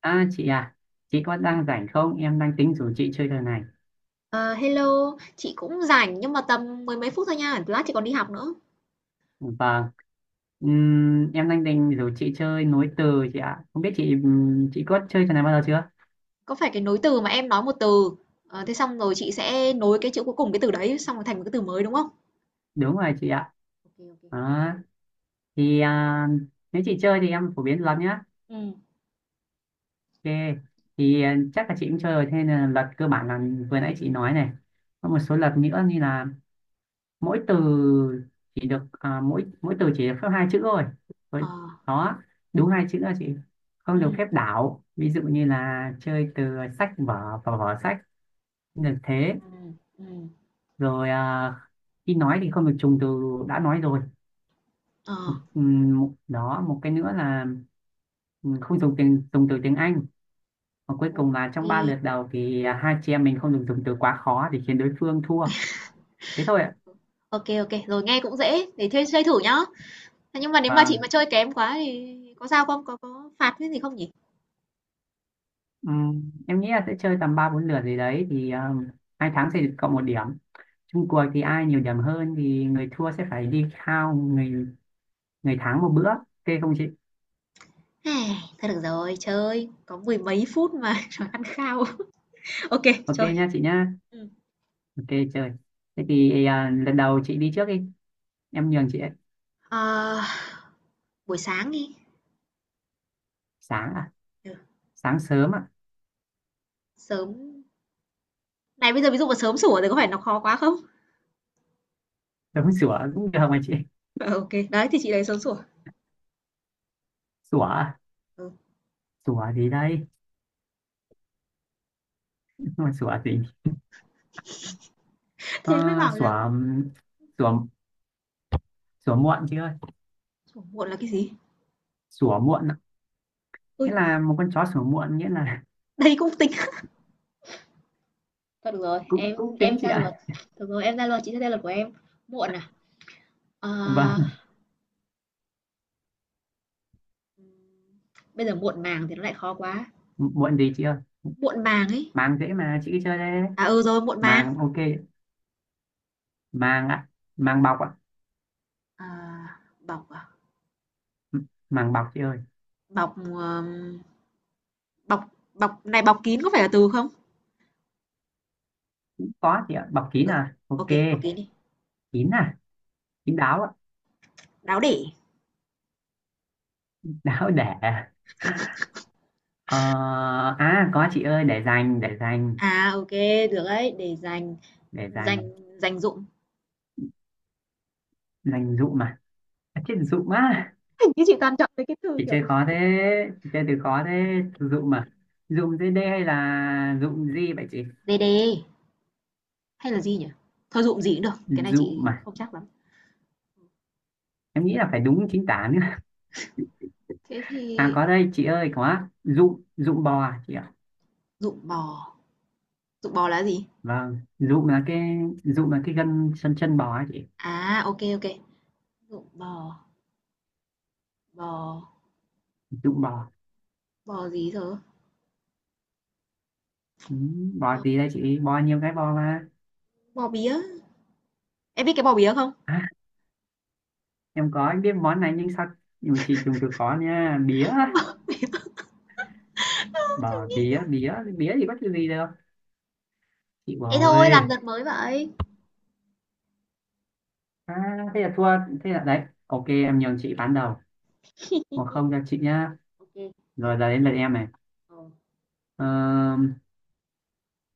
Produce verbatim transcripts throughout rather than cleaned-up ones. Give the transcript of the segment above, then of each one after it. À chị à, chị có đang rảnh không? Em đang tính rủ chị chơi trò này. Ờ, hello, chị cũng rảnh nhưng mà tầm mười mấy phút thôi nha, lát chị còn đi học nữa. Vâng. Ừm, em đang định rủ chị chơi nối từ chị ạ. Không biết chị, ừm, chị có chơi trò này bao giờ chưa? Có phải cái nối từ mà em nói một từ, ờ, thế xong rồi chị sẽ nối cái chữ cuối cùng cái từ đấy xong rồi thành một cái từ mới đúng không? Đúng rồi chị ạ. Ok ok. Đó. Thì Được. à, Nếu chị chơi thì em phổ biến lắm nhá. Ừ. Ok, thì à, chắc là chị cũng chơi rồi. Thế nên là luật cơ bản là vừa nãy chị nói này. Có một số luật nữa như là mỗi từ chỉ được, à, mỗi mỗi từ chỉ được phép hai chữ thôi. Ờ, Rồi, đó, đúng hai chữ, là chị không được ừ phép đảo, ví dụ như là chơi từ sách vở và vở sách, không được thế. ừ, ừ, Rồi, à, khi nói thì không được trùng từ đã nói rồi. ờ, Ừm, một- đó một cái nữa là ừm, không dùng tiếng, dùng từ tiếng Anh, và cuối ok. cùng là trong ba lượt đầu thì à, hai chị em mình không được dùng từ quá khó để khiến đối phương thua. Thế thôi ạ. Ok ok, rồi nghe cũng dễ, để thuê chơi thử nhá. Thế nhưng mà nếu mà Và... chị mà chơi kém quá thì có sao không? Có có phạt cái gì không nhỉ? Ừ, em nghĩ là sẽ chơi tầm ba bốn lượt gì đấy thì um, hai tháng sẽ được cộng một điểm. Chung cuộc thì ai nhiều điểm hơn thì người thua sẽ phải đi khao người người thắng một bữa, ok không chị? Ai, thôi được rồi, chơi có mười mấy phút mà rồi ăn khao. Ok, Ok chơi. nha chị nhá. Ừ. Ok, chơi. Thế thì à, lần đầu chị đi trước đi, em nhường chị ấy. Ờ, buổi sáng đi. Sáng à. Ờ, Sáng sớm à. sớm. Này bây giờ ví dụ mà sớm sủa thì có phải nó khó quá không? Đúng, sủa cũng được mà chị. Ờ, ô đấy, thì chị lấy sớm sủa. Sủa à? Ừ, Sủa gì đây? Mà sủa gì? ờ, thế mới bảo Sủa, là có. um, sủa, sủa muộn chị ơi. Sủa muộn là cái gì? Sủa muộn ạ. Ôi, Nghĩa là một con chó sủa muộn, nghĩa là... đấy cũng tính. Thôi được rồi, cũng em cũng tính em chị ra luật. ạ. Được rồi, em ra luật, chị sẽ ra luật của em. Muộn à? Ờ, Vâng. bây giờ muộn màng thì nó lại khó quá. Muộn gì chị ơi? Muộn màng ấy. Màng dễ mà chị, cứ chơi đây. À ừ rồi, muộn màng. Màng, ok. Màng ạ. Màng bọc ạ. Ờ, bọc à? Màng bọc chị ơi. Bọc, ờm, bọc bọc này, bọc kín có phải là từ không? Có chị ạ, bọc kín Ừ, à, ô, ok. bọc kín đi. Kín à. Kín đáo ạ. Đáo để. Đáo để. ờ, à có chị ơi, để dành, để dành. À, ok được đấy, để dành. Để Dành. dành. Dành dụm. Dành dụ mà. À, chết, dụ á. Chứ chị toàn chọn mấy cái từ Chị kiểu chơi khó thế. Chị chơi từ khó thế, dụ mà. Dụ dưới đây hay là dụ gì vậy chị? đê đê hay là gì nhỉ? Thôi dụng gì cũng được, cái này Dụ chị mà. không chắc lắm. Em nghĩ là phải đúng chính tả nữa. Thế À, thì có đây chị ơi, có dụ, dụ bò à chị ạ. dụng bò, dụng bò là gì? Vâng, dụm là cái dụm là cái gân chân chân bò ấy chị. À, ok ok. Dụng bò, bò, Dụm bò. bò gì giờ? Ừ, bò Bò, gì đây chị, bò nhiều cái bò mà. bò bía. Em biết cái bò bía không? À, em có, em biết món này nhưng sao, nhưng mà chị dùng từ có nha, bía. Bò bía, bía, bía thì có cái gì đâu chị, Thế bò thôi, ơi. làm đợt mới vậy. À, thế là thua. Thế là đấy, ok em nhường chị bán đầu, một không cho chị nhá. Ok. Rồi giờ đến lượt em này. ờ,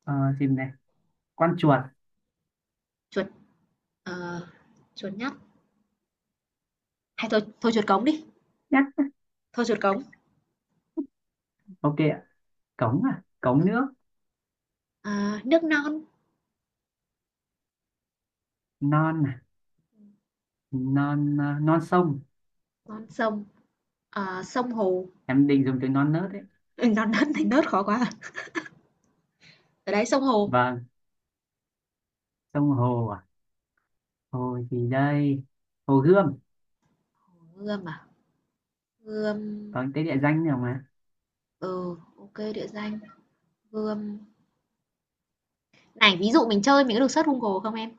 ờ, xem này, con chuột. Chuột, ờ, chuột nhắt. Hay thôi, thôi chuột cống đi. Nhá, Thôi chuột cống. ok ạ. Cống à, cống Ừ. nước. À, nước non, Non à. Non à, non sông. non sông, à, sông hồ. Em định dùng từ non nớt đấy. Ừ, non đất thành nớt khó quá. À. Ở đấy sông hồ. Vâng, sông hồ à. Hồ gì đây? Hồ Gươm, Gươm à? Gươm. có cái địa danh nào mà. Ừ, ok địa danh. Gươm này, ví dụ mình chơi mình có được search Google không em?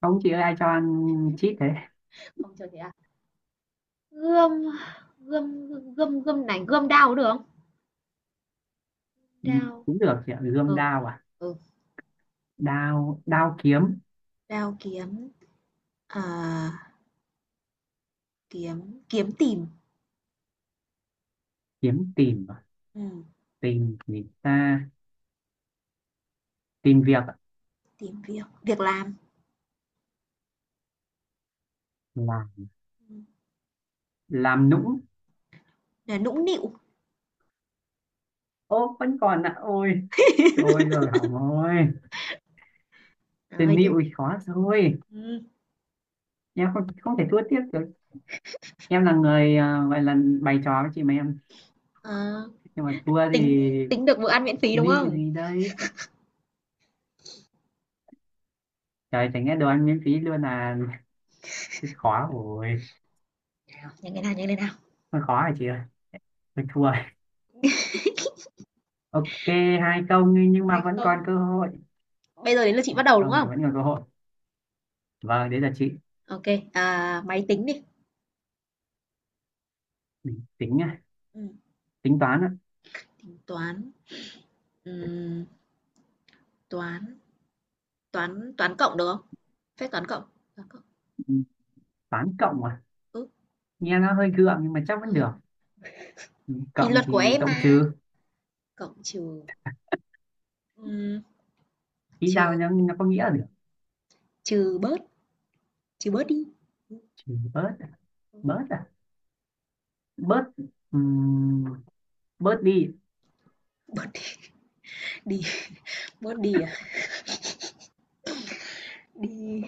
Không chị ơi, ai cho ăn chít thế. Không chơi thế à? Gươm, gươm, gươm, gươm này, gươm đao có được không? Ừ, Đao, cũng được chị ạ, Gươm ừ, Đao à. ừ, Đao, Đao kiếm. đao kiếm, à, kiếm kiếm tìm, Kiếm tìm à? ừm, Tìm gì ta? Tìm việc à? tìm việc, việc làm, Là ừm, làm nũng. là nũng nịu. Ô vẫn còn ạ, ôi trời, rồi hỏng rồi. Trời Tình ơi, tiếp. yêu thì khó rồi. ừm, Em không không thể thua tiếp được. Em là người, à, gọi là bày trò với chị mà em, ờ, nhưng mà thua thì... tính. Tính được bữa ăn miễn phí, đúng Nịu không? gì đây? Trời, chẳng nghe đồ ăn miễn phí luôn à. Rất khó rồi. Nào, nhanh lên nào, nhanh lên nào. Hơi khó hả chị ơi? Hơi thua rồi. Ok, hai không đi, nhưng mà Hay vẫn còn không. cơ hội. Bây giờ đến lượt chị bắt đầu, đúng Không, thì không? vẫn còn cơ hội. Vâng, đấy là chị. Ok. À, máy tính đi. Ừ, tính nhá. Ừm, Tính toán ạ. tính toán, ừm, toán. Toán toán cộng được không? Phép toán cộng, toán cộng, Ừ, toán cộng à, ừ, nghe nó hơi gượng nhưng mà chắc ờ, vẫn được. Ừ, thì cộng luật của thì em cộng mà, trừ. cộng trừ, ừm, Ý trừ. ra nó, nó có nghĩa là được. Trừ bớt, trừ bớt đi, Trừ bớt à? Bớt à. Bớt. ừm, Bớt đi. bớt đi, bớt đi à? Đi,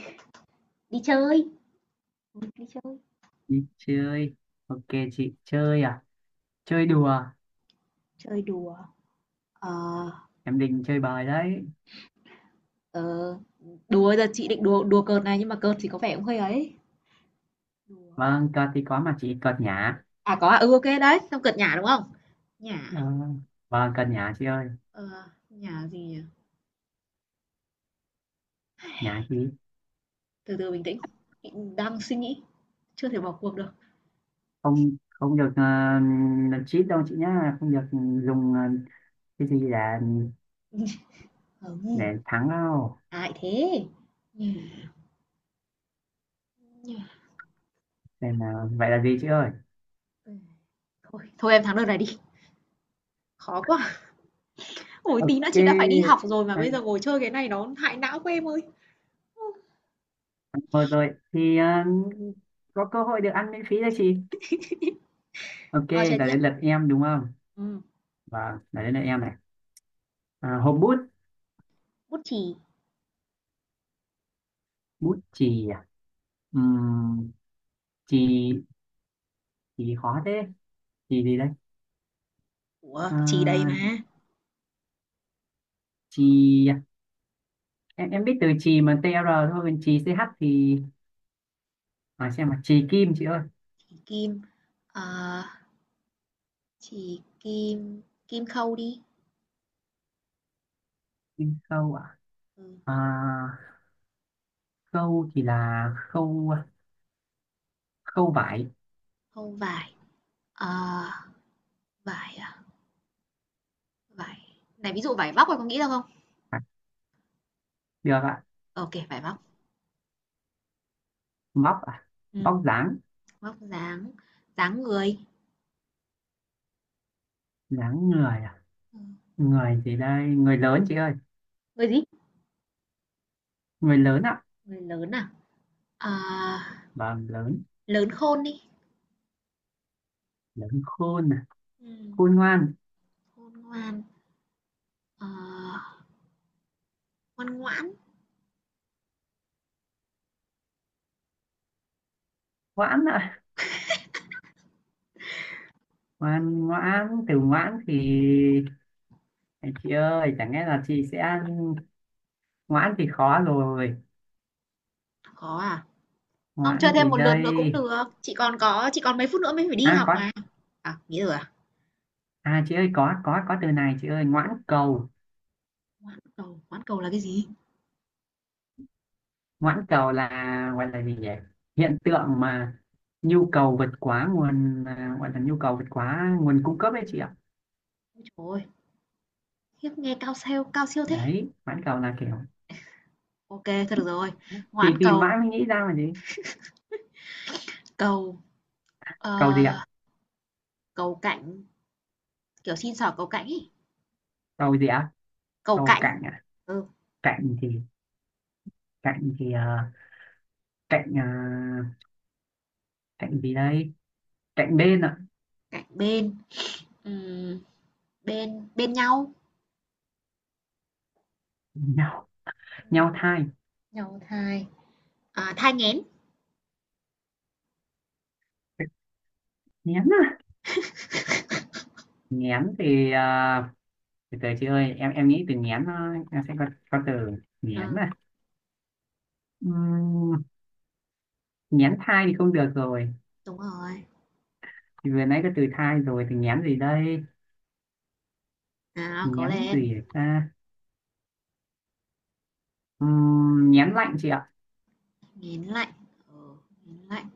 đi chơi, đi chơi, Đi chơi, ok. Chị chơi à? Chơi đùa. chơi đùa, ờ, Em định chơi bời đấy. ờ, đùa giờ chị định đùa đùa cợt này nhưng mà cợt thì có vẻ cũng hơi ấy, đùa, Vâng, cợt thì có mà chị, cợt nhả. à, có à, ừ, ok đấy, xong cợt nhả, đúng không? Nhả, Ờ, vâng, cợt nhả chị ơi. ờ, uh, nhả gì nhỉ? Nhả gì? Từ từ bình tĩnh, đang suy nghĩ, chưa thể bỏ cuộc được, Không, không được, uh, cheat đâu chị nhá, không được dùng, ờ, cái gì để ừm, để thắng đâu. ai thế, nhả, nhả, Nên là vậy là gì chị ơi? ừ. Thôi thôi em thắng đợt này đi, khó quá. Ôi, tí nữa chị đã phải đi Ok, học rồi mà bây giờ hay. ngồi chơi cái này nó hại não của em ơi. Thôi rồi thì, ờ, có cơ hội được ăn miễn phí đấy chị. Ok, Thôi chơi là tiếp. đến lượt em đúng không? Ừm, Và là đến lượt em này. À, hộp bút. bút chì. Bút chì à. Ừm, Chì. Chì khó thế. Chì gì đây? Ủa, chì đây À, mà. chì à? em em biết từ chì mà, tr thôi còn chì ch thì à, xem mà, chì kim chị ơi. Chì kim. Ờ, à, chì kim, kim khâu đi. Kim khâu à? Ừ, À, khâu thì là khâu, khâu vải. khâu vải. Ờ, à, vải à, vải. Này ví dụ vải vóc em có nghĩ ra không? À, được ạ. Ờ, ok, vải vóc. Móc à. Ừm, Móc dáng. vóc dáng, dáng người. Dáng người à. Ừ, Người gì đây, người lớn chị ơi. người gì? Người lớn ạ. Người lớn à? Ờ, Vâng, lớn. lớn khôn đi. Lớn khôn à. Ừm, Khôn ngoan. khôn ngoan. Ờ, ngoan ngoãn. Ngoãn ạ. Ngoan ngoãn, từ ngoãn thì... À, chị ơi chẳng lẽ là chị sẽ... Ngoãn thì khó rồi. Khó à? Không, Ngoãn chơi gì thêm một lượt đây? nữa cũng được, chị còn có chị còn mấy phút nữa mới phải đi À học có mà. À, nghỉ rồi à? à, chị ơi, có có có từ này chị ơi, ngoãn cầu. Cầu hoãn cầu là cái gì? Ngoãn cầu là, gọi là gì nhỉ? Hiện tượng mà nhu cầu vượt quá nguồn, à, gọi là nhu cầu vượt quá nguồn cung cấp ấy chị ạ. Trời ơi, khiếp nghe cao siêu cao siêu thế. Đấy, ngoãn cầu là kiểu... Ok kê, thôi được rồi. thì Hoãn thì cầu, mãi mới nghĩ ra là gì? cầu, Cầu ờ, gì ạ? cầu cạnh, kiểu, xin xỏ cầu cạnh ấy, Cầu gì ạ? cầu Cầu cạnh, cạnh ạ. ừ, Cạnh thì Cạnh thì à, cạnh à, cạnh gì đây? Cạnh bên ạ. cạnh bên, ừm, bên, bên nhau, Nhau, nhau thai. nhau thai, à, thai nghén, Nghén à. Nghén thì à, từ từ chị ơi, em em nghĩ từ nghén, nó- em sẽ có có từ, nghén ừ, à. Ừm, Nghén thai thì không được rồi, đúng rồi. thì vừa nãy có từ thai rồi, thì nhém gì đây? Nào, cố Nhém lên, gì ta? Ừm, nhém lạnh chị ạ. nghén lạnh, ừ, nghén lạnh,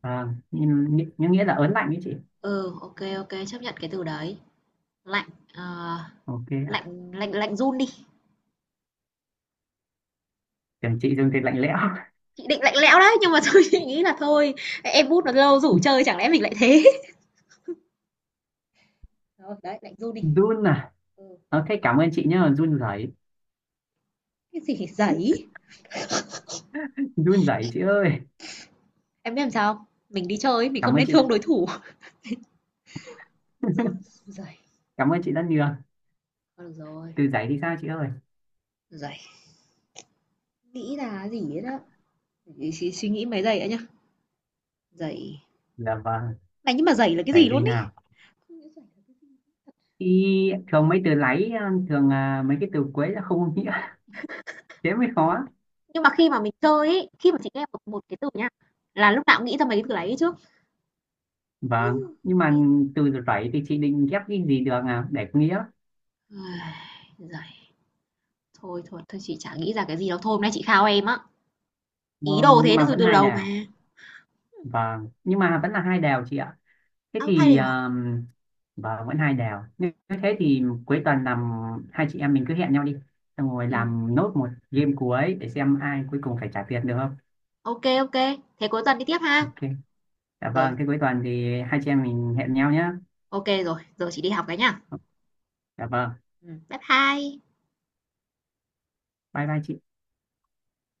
Ờ, nhưng, nhưng nghĩa là ớn lạnh đấy chị. ừ, ok ok, chấp nhận cái từ đấy, lạnh, ờ. Ok ạ. Lạnh, lạnh, lạnh run đi, Tưởng chị dùng từ lạnh lẽo. chị định lạnh lẽo đấy, nhưng mà thôi chị nghĩ là thôi, em bút nó lâu rủ chơi chẳng lẽ mình lại thế. Thôi, đấy, lạnh run đi. Run à. Ừ. Ok, cảm ơn chị nhá, run rẩy. Cái gì giấy? Run rẩy chị ơi. Em biết làm sao không? Mình đi chơi mình không Cảm ơn nên chị thương đã, đối thủ. Run. Giày. cảm ơn chị rất nhiều. Được rồi, Từ giấy thì sao chị ơi? giày. Nghĩ là cái gì đấy đó. Để suy, suy nghĩ mấy giây đã nhá. Giày. Dạ vâng. Này nhưng mà giày là cái Giấy gì gì luôn ý? nào? Thì thường mấy từ lấy, thường à, mấy cái từ cuối là không có nghĩa. Thế mới khó. Nhưng mà khi mà mình chơi ấy, khi mà chị nghe một một cái từ nha, là lúc nào cũng nghĩ ra mấy cái từ đấy trước. Vâng, nhưng mà từ rẩy thì chị định ghép cái gì được à để có nghĩa. Giày. Thôi thôi, thôi chị chả nghĩ ra cái gì đâu. Thôi hôm nay chị khao em á. ờ, Ý đồ nhưng thế được mà từ vẫn từ hai đầu đều. mà. Vâng, nhưng mà vẫn là hai đều chị ạ. Thế À, thay thì, đều à? um, vâng, vẫn hai đều. Như nếu thế thì cuối tuần làm, hai chị em mình cứ hẹn nhau đi. Xong rồi Ừ. làm nốt một game cuối để xem ai cuối cùng phải trả tiền được không? OK, OK, thế cuối tuần đi tiếp ha. Ok. Dạ Rồi, vâng, thế cuối tuần thì hai chị em mình hẹn nhau nhé. OK rồi, giờ chị đi học cái nhá. Dạ vâng. Ừm, bye bye. Bye bye chị.